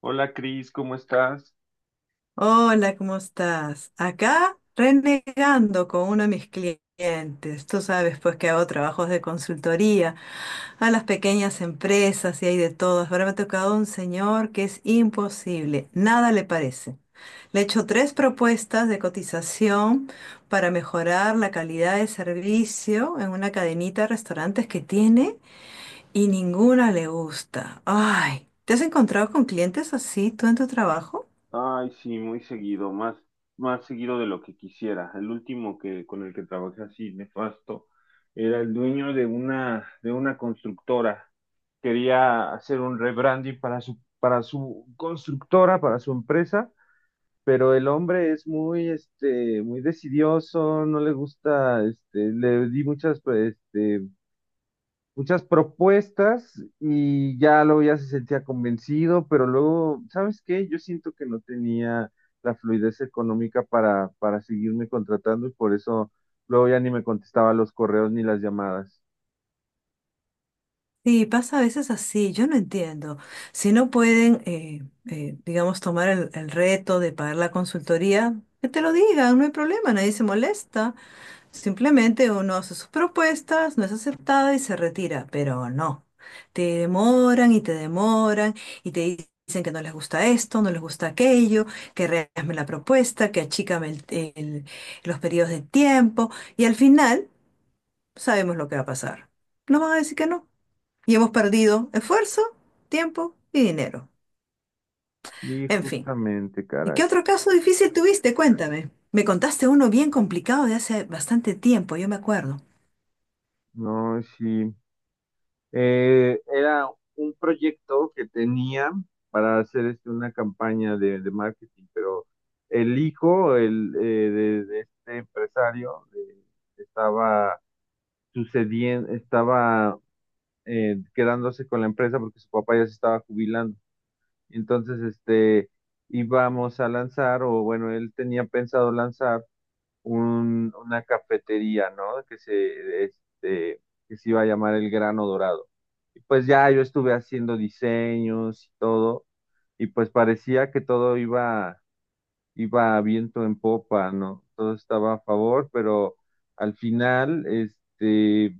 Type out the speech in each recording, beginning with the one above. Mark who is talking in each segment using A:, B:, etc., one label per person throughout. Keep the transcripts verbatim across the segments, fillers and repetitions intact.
A: Hola Cris, ¿cómo estás?
B: Hola, ¿cómo estás? Acá renegando con uno de mis clientes. Tú sabes, pues que hago trabajos de consultoría a las pequeñas empresas y hay de todas. Ahora me ha tocado un señor que es imposible, nada le parece. Le he hecho tres propuestas de cotización para mejorar la calidad de servicio en una cadenita de restaurantes que tiene y ninguna le gusta. Ay, ¿te has encontrado con clientes así tú en tu trabajo?
A: Ay, sí, muy seguido, más, más seguido de lo que quisiera. El último que con el que trabajé así nefasto era el dueño de una de una constructora. Quería hacer un rebranding para su para su constructora, para su empresa, pero el hombre es muy este muy decidioso, no le gusta este le di muchas pues, este muchas propuestas y ya luego ya se sentía convencido, pero luego, ¿sabes qué? Yo siento que no tenía la fluidez económica para, para seguirme contratando y por eso luego ya ni me contestaba los correos ni las llamadas.
B: Sí, pasa a veces así, yo no entiendo. Si no pueden, eh, eh, digamos, tomar el, el reto de pagar la consultoría, que te lo digan, no hay problema, nadie se molesta. Simplemente uno hace sus propuestas, no es aceptada y se retira, pero no. Te demoran y te demoran y te dicen que no les gusta esto, no les gusta aquello, que rehazme la propuesta, que achícame el- el- los periodos de tiempo y al final sabemos lo que va a pasar. Nos van a decir que no. Y hemos perdido esfuerzo, tiempo y dinero.
A: Sí,
B: En fin.
A: justamente,
B: ¿Y qué
A: caray.
B: otro caso difícil tuviste? Cuéntame. Me contaste uno bien complicado de hace bastante tiempo, yo me acuerdo.
A: No, sí. Eh, era un proyecto que tenía para hacer este, una campaña de, de marketing, pero el hijo el, eh, de, de este empresario eh, estaba sucediendo, estaba eh, quedándose con la empresa porque su papá ya se estaba jubilando. Entonces, este, íbamos a lanzar, o bueno, él tenía pensado lanzar un, una cafetería, ¿no? Que se, este, que se iba a llamar El Grano Dorado. Y pues ya yo estuve haciendo diseños y todo, y pues parecía que todo iba, iba a viento en popa, ¿no? Todo estaba a favor, pero al final, este,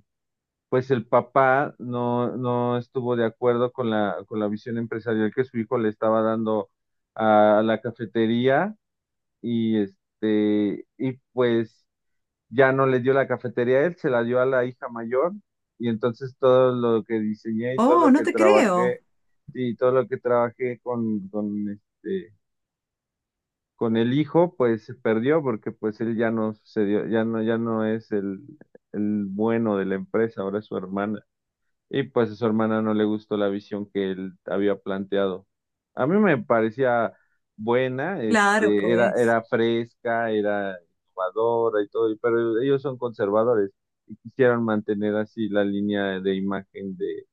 A: pues el papá no, no estuvo de acuerdo con la, con la visión empresarial que su hijo le estaba dando a la cafetería y este, y pues ya no le dio la cafetería a él, se la dio a la hija mayor y entonces todo lo que diseñé y todo
B: Oh,
A: lo
B: no
A: que
B: te
A: trabajé
B: creo.
A: y todo lo que trabajé con, con este, con el hijo, pues se perdió porque pues él ya no sucedió, ya no, ya no es el, el bueno de la empresa, ahora es su hermana. Y pues a su hermana no le gustó la visión que él había planteado. A mí me parecía buena,
B: Claro,
A: este, era,
B: pues.
A: era fresca, era innovadora y todo, pero ellos son conservadores y quisieron mantener así la línea de imagen de,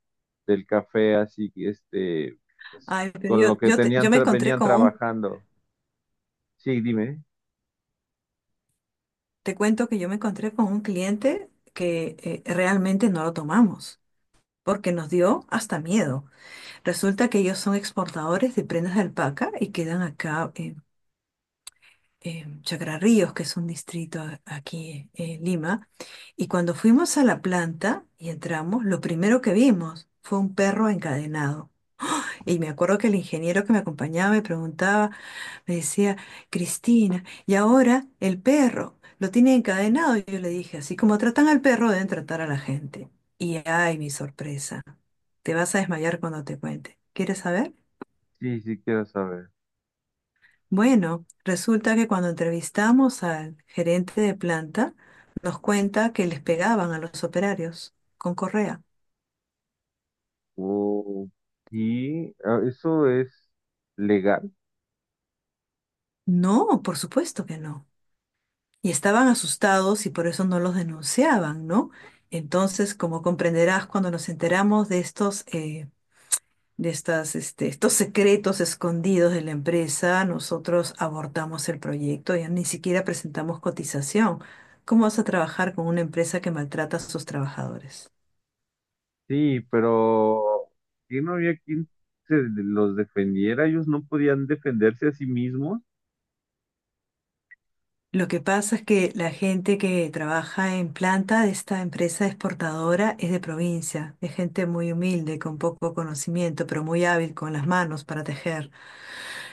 A: del café, así que este, pues,
B: Ay, pero
A: con
B: yo,
A: lo que
B: yo, te- yo
A: tenían,
B: me
A: tra-
B: encontré
A: venían
B: con un,
A: trabajando. Sí, dime.
B: te cuento que yo me encontré con un cliente que eh, realmente no lo tomamos, porque nos dio hasta miedo. Resulta que ellos son exportadores de prendas de alpaca y quedan acá eh, eh, Chacra Ríos, que es un distrito a- aquí en Lima, y cuando fuimos a la planta y entramos, lo primero que vimos fue un perro encadenado. Y me acuerdo que el ingeniero que me acompañaba me preguntaba, me decía: Cristina, y ahora el perro lo tiene encadenado. Y yo le dije, así como tratan al perro, deben tratar a la gente. Y ay, mi sorpresa, te vas a desmayar cuando te cuente. ¿Quieres saber?
A: Sí, sí, quiero saber.
B: Bueno, resulta que cuando entrevistamos al gerente de planta, nos cuenta que les pegaban a los operarios con correa.
A: Oh, y ah, eso es legal.
B: No, por supuesto que no. Y estaban asustados y por eso no los denunciaban, ¿no? Entonces, como comprenderás, cuando nos enteramos de estos, eh, de estas, este, estos secretos escondidos de la empresa, nosotros abortamos el proyecto, ya ni siquiera presentamos cotización. ¿Cómo vas a trabajar con una empresa que maltrata a sus trabajadores?
A: Sí, pero que no había quien se los defendiera, ellos no podían defenderse a sí mismos.
B: Lo que pasa es que la gente que trabaja en planta de esta empresa exportadora es de provincia, es gente muy humilde, con poco conocimiento, pero muy hábil con las manos para tejer,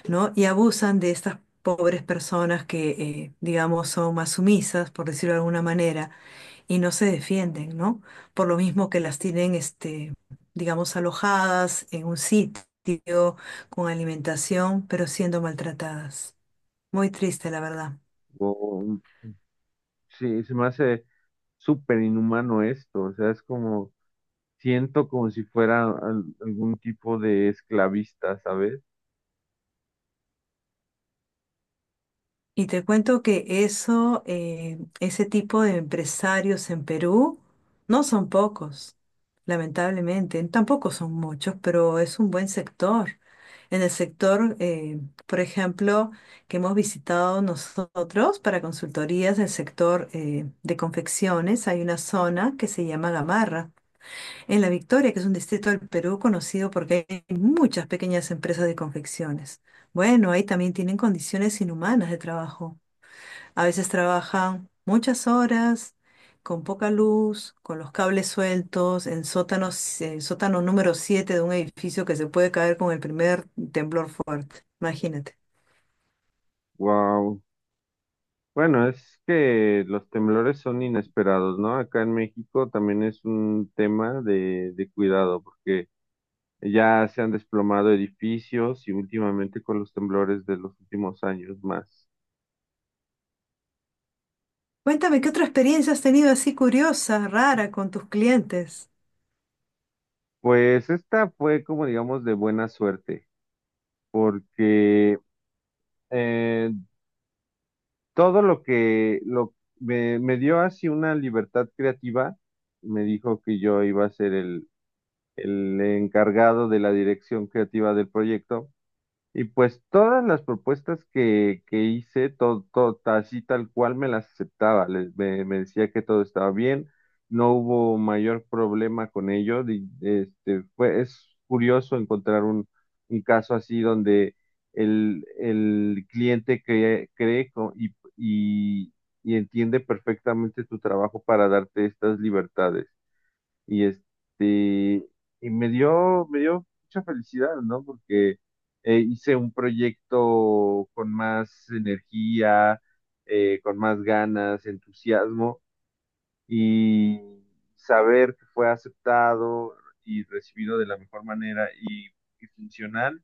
B: ¿no? Y abusan de estas pobres personas que, eh, digamos, son más sumisas, por decirlo de alguna manera, y no se defienden, ¿no? Por lo mismo que las tienen, este, digamos, alojadas en un sitio con alimentación, pero siendo maltratadas. Muy triste, la verdad.
A: O, sí, se me hace súper inhumano esto, o sea, es como, siento como si fuera al- algún tipo de esclavista, ¿sabes?
B: Y te cuento que eso, eh, ese tipo de empresarios en Perú no son pocos, lamentablemente. Tampoco son muchos, pero es un buen sector. En el sector, eh, por ejemplo, que hemos visitado nosotros para consultorías del sector eh, de confecciones, hay una zona que se llama Gamarra, en La Victoria, que es un distrito del Perú conocido porque hay muchas pequeñas empresas de confecciones. Bueno, ahí también tienen condiciones inhumanas de trabajo. A veces trabajan muchas horas, con poca luz, con los cables sueltos, en sótanos, en sótano número siete de un edificio que se puede caer con el primer temblor fuerte. Imagínate.
A: Wow. Bueno, es que los temblores son inesperados, ¿no? Acá en México también es un tema de, de cuidado, porque ya se han desplomado edificios y últimamente con los temblores de los últimos años más.
B: Cuéntame, ¿qué otra experiencia has tenido así curiosa, rara con tus clientes?
A: Pues esta fue como digamos de buena suerte, porque eh, todo lo que lo, me, me dio así una libertad creativa, me dijo que yo iba a ser el, el encargado de la dirección creativa del proyecto. Y pues todas las propuestas que, que hice, todo, todo, así tal cual me las aceptaba. Les- me, me decía que todo estaba bien, no hubo mayor problema con ello. Di- Este, fue, es curioso encontrar un, un caso así donde el, el cliente cree, cree co- y, y y entiende perfectamente tu trabajo para darte estas libertades. Y este, y me dio, me dio mucha felicidad, ¿no? Porque eh, hice un proyecto con más energía, eh, con más ganas, entusiasmo, y saber que fue aceptado y recibido de la mejor manera y, y funcional,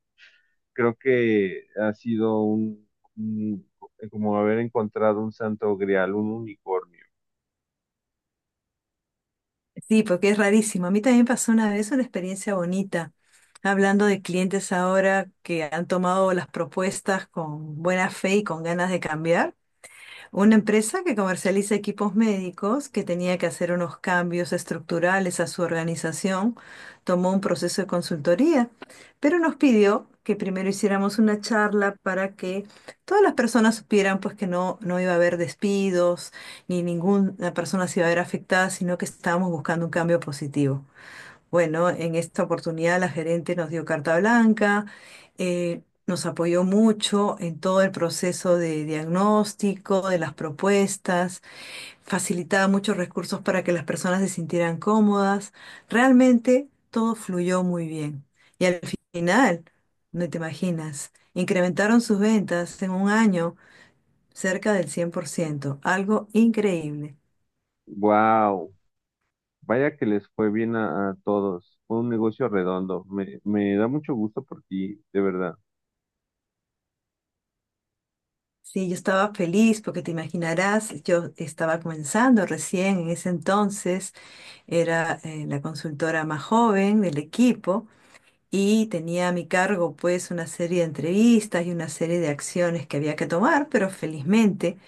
A: creo que ha sido un, un- como haber encontrado un santo grial, un unicornio.
B: Sí, porque es rarísimo. A mí también pasó una vez una experiencia bonita. Hablando de clientes ahora que han tomado las propuestas con buena fe y con ganas de cambiar. Una empresa que comercializa equipos médicos, que tenía que hacer unos cambios estructurales a su organización, tomó un proceso de consultoría, pero nos pidió que primero hiciéramos una charla para que todas las personas supieran pues que no, no iba a haber despidos, ni ninguna persona se iba a ver afectada, sino que estábamos buscando un cambio positivo. Bueno, en esta oportunidad la gerente nos dio carta blanca, eh, nos apoyó mucho en todo el proceso de diagnóstico, de las propuestas, facilitaba muchos recursos para que las personas se sintieran cómodas. Realmente todo fluyó muy bien. Y al final, no te imaginas, incrementaron sus ventas en un año cerca del cien por ciento, algo increíble.
A: Wow, vaya que les fue bien a, a todos. Fue un negocio redondo. Me, me da mucho gusto por ti, de verdad.
B: Sí, yo estaba feliz porque te imaginarás, yo estaba comenzando recién en ese entonces, era eh, la consultora más joven del equipo y tenía a mi cargo pues una serie de entrevistas y una serie de acciones que había que tomar, pero felizmente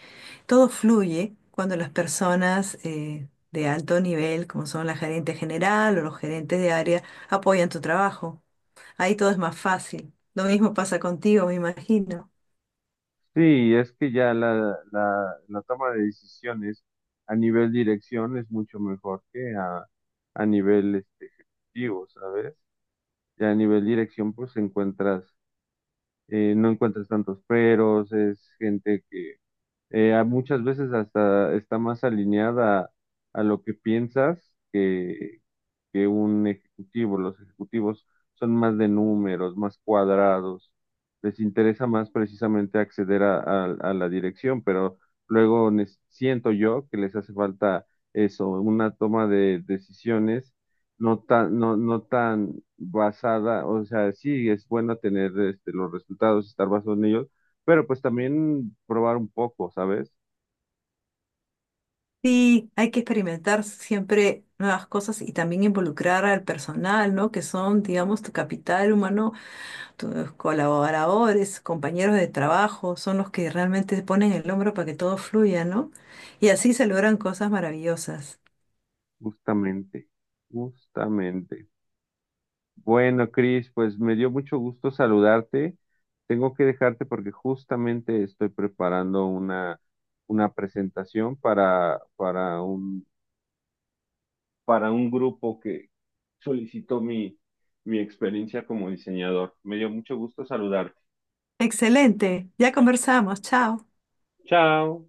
B: todo fluye cuando las personas eh, de alto nivel, como son la gerente general o los gerentes de área, apoyan tu trabajo. Ahí todo es más fácil. Lo mismo pasa contigo, me imagino.
A: Sí, es que ya la, la, la toma de decisiones a nivel dirección es mucho mejor que a, a nivel este, ejecutivo, ¿sabes? Ya a nivel dirección, pues encuentras, eh, no encuentras tantos peros, es gente que eh, a- muchas veces hasta está más alineada a, lo que piensas que un ejecutivo. Los ejecutivos son más de números, más cuadrados. Les interesa más precisamente acceder a, a- a la dirección, pero luego nes- siento yo que les hace falta eso, una toma de decisiones no tan, no, no tan basada, o sea, sí es bueno tener este, los resultados, estar basado en ellos, pero pues también probar un poco, ¿sabes?
B: Sí, hay que experimentar siempre nuevas cosas y también involucrar al personal, ¿no? Que son, digamos, tu capital humano, tus colaboradores, compañeros de trabajo, son los que realmente se ponen el hombro para que todo fluya, ¿no? Y así se logran cosas maravillosas.
A: Justamente, justamente. Bueno, Cris, pues me dio mucho gusto saludarte. Tengo que dejarte porque justamente estoy preparando una, una presentación para, para un, para un grupo que solicitó mi, mi experiencia como diseñador. Me dio mucho gusto saludarte.
B: Excelente, ya conversamos, chao.
A: Chao.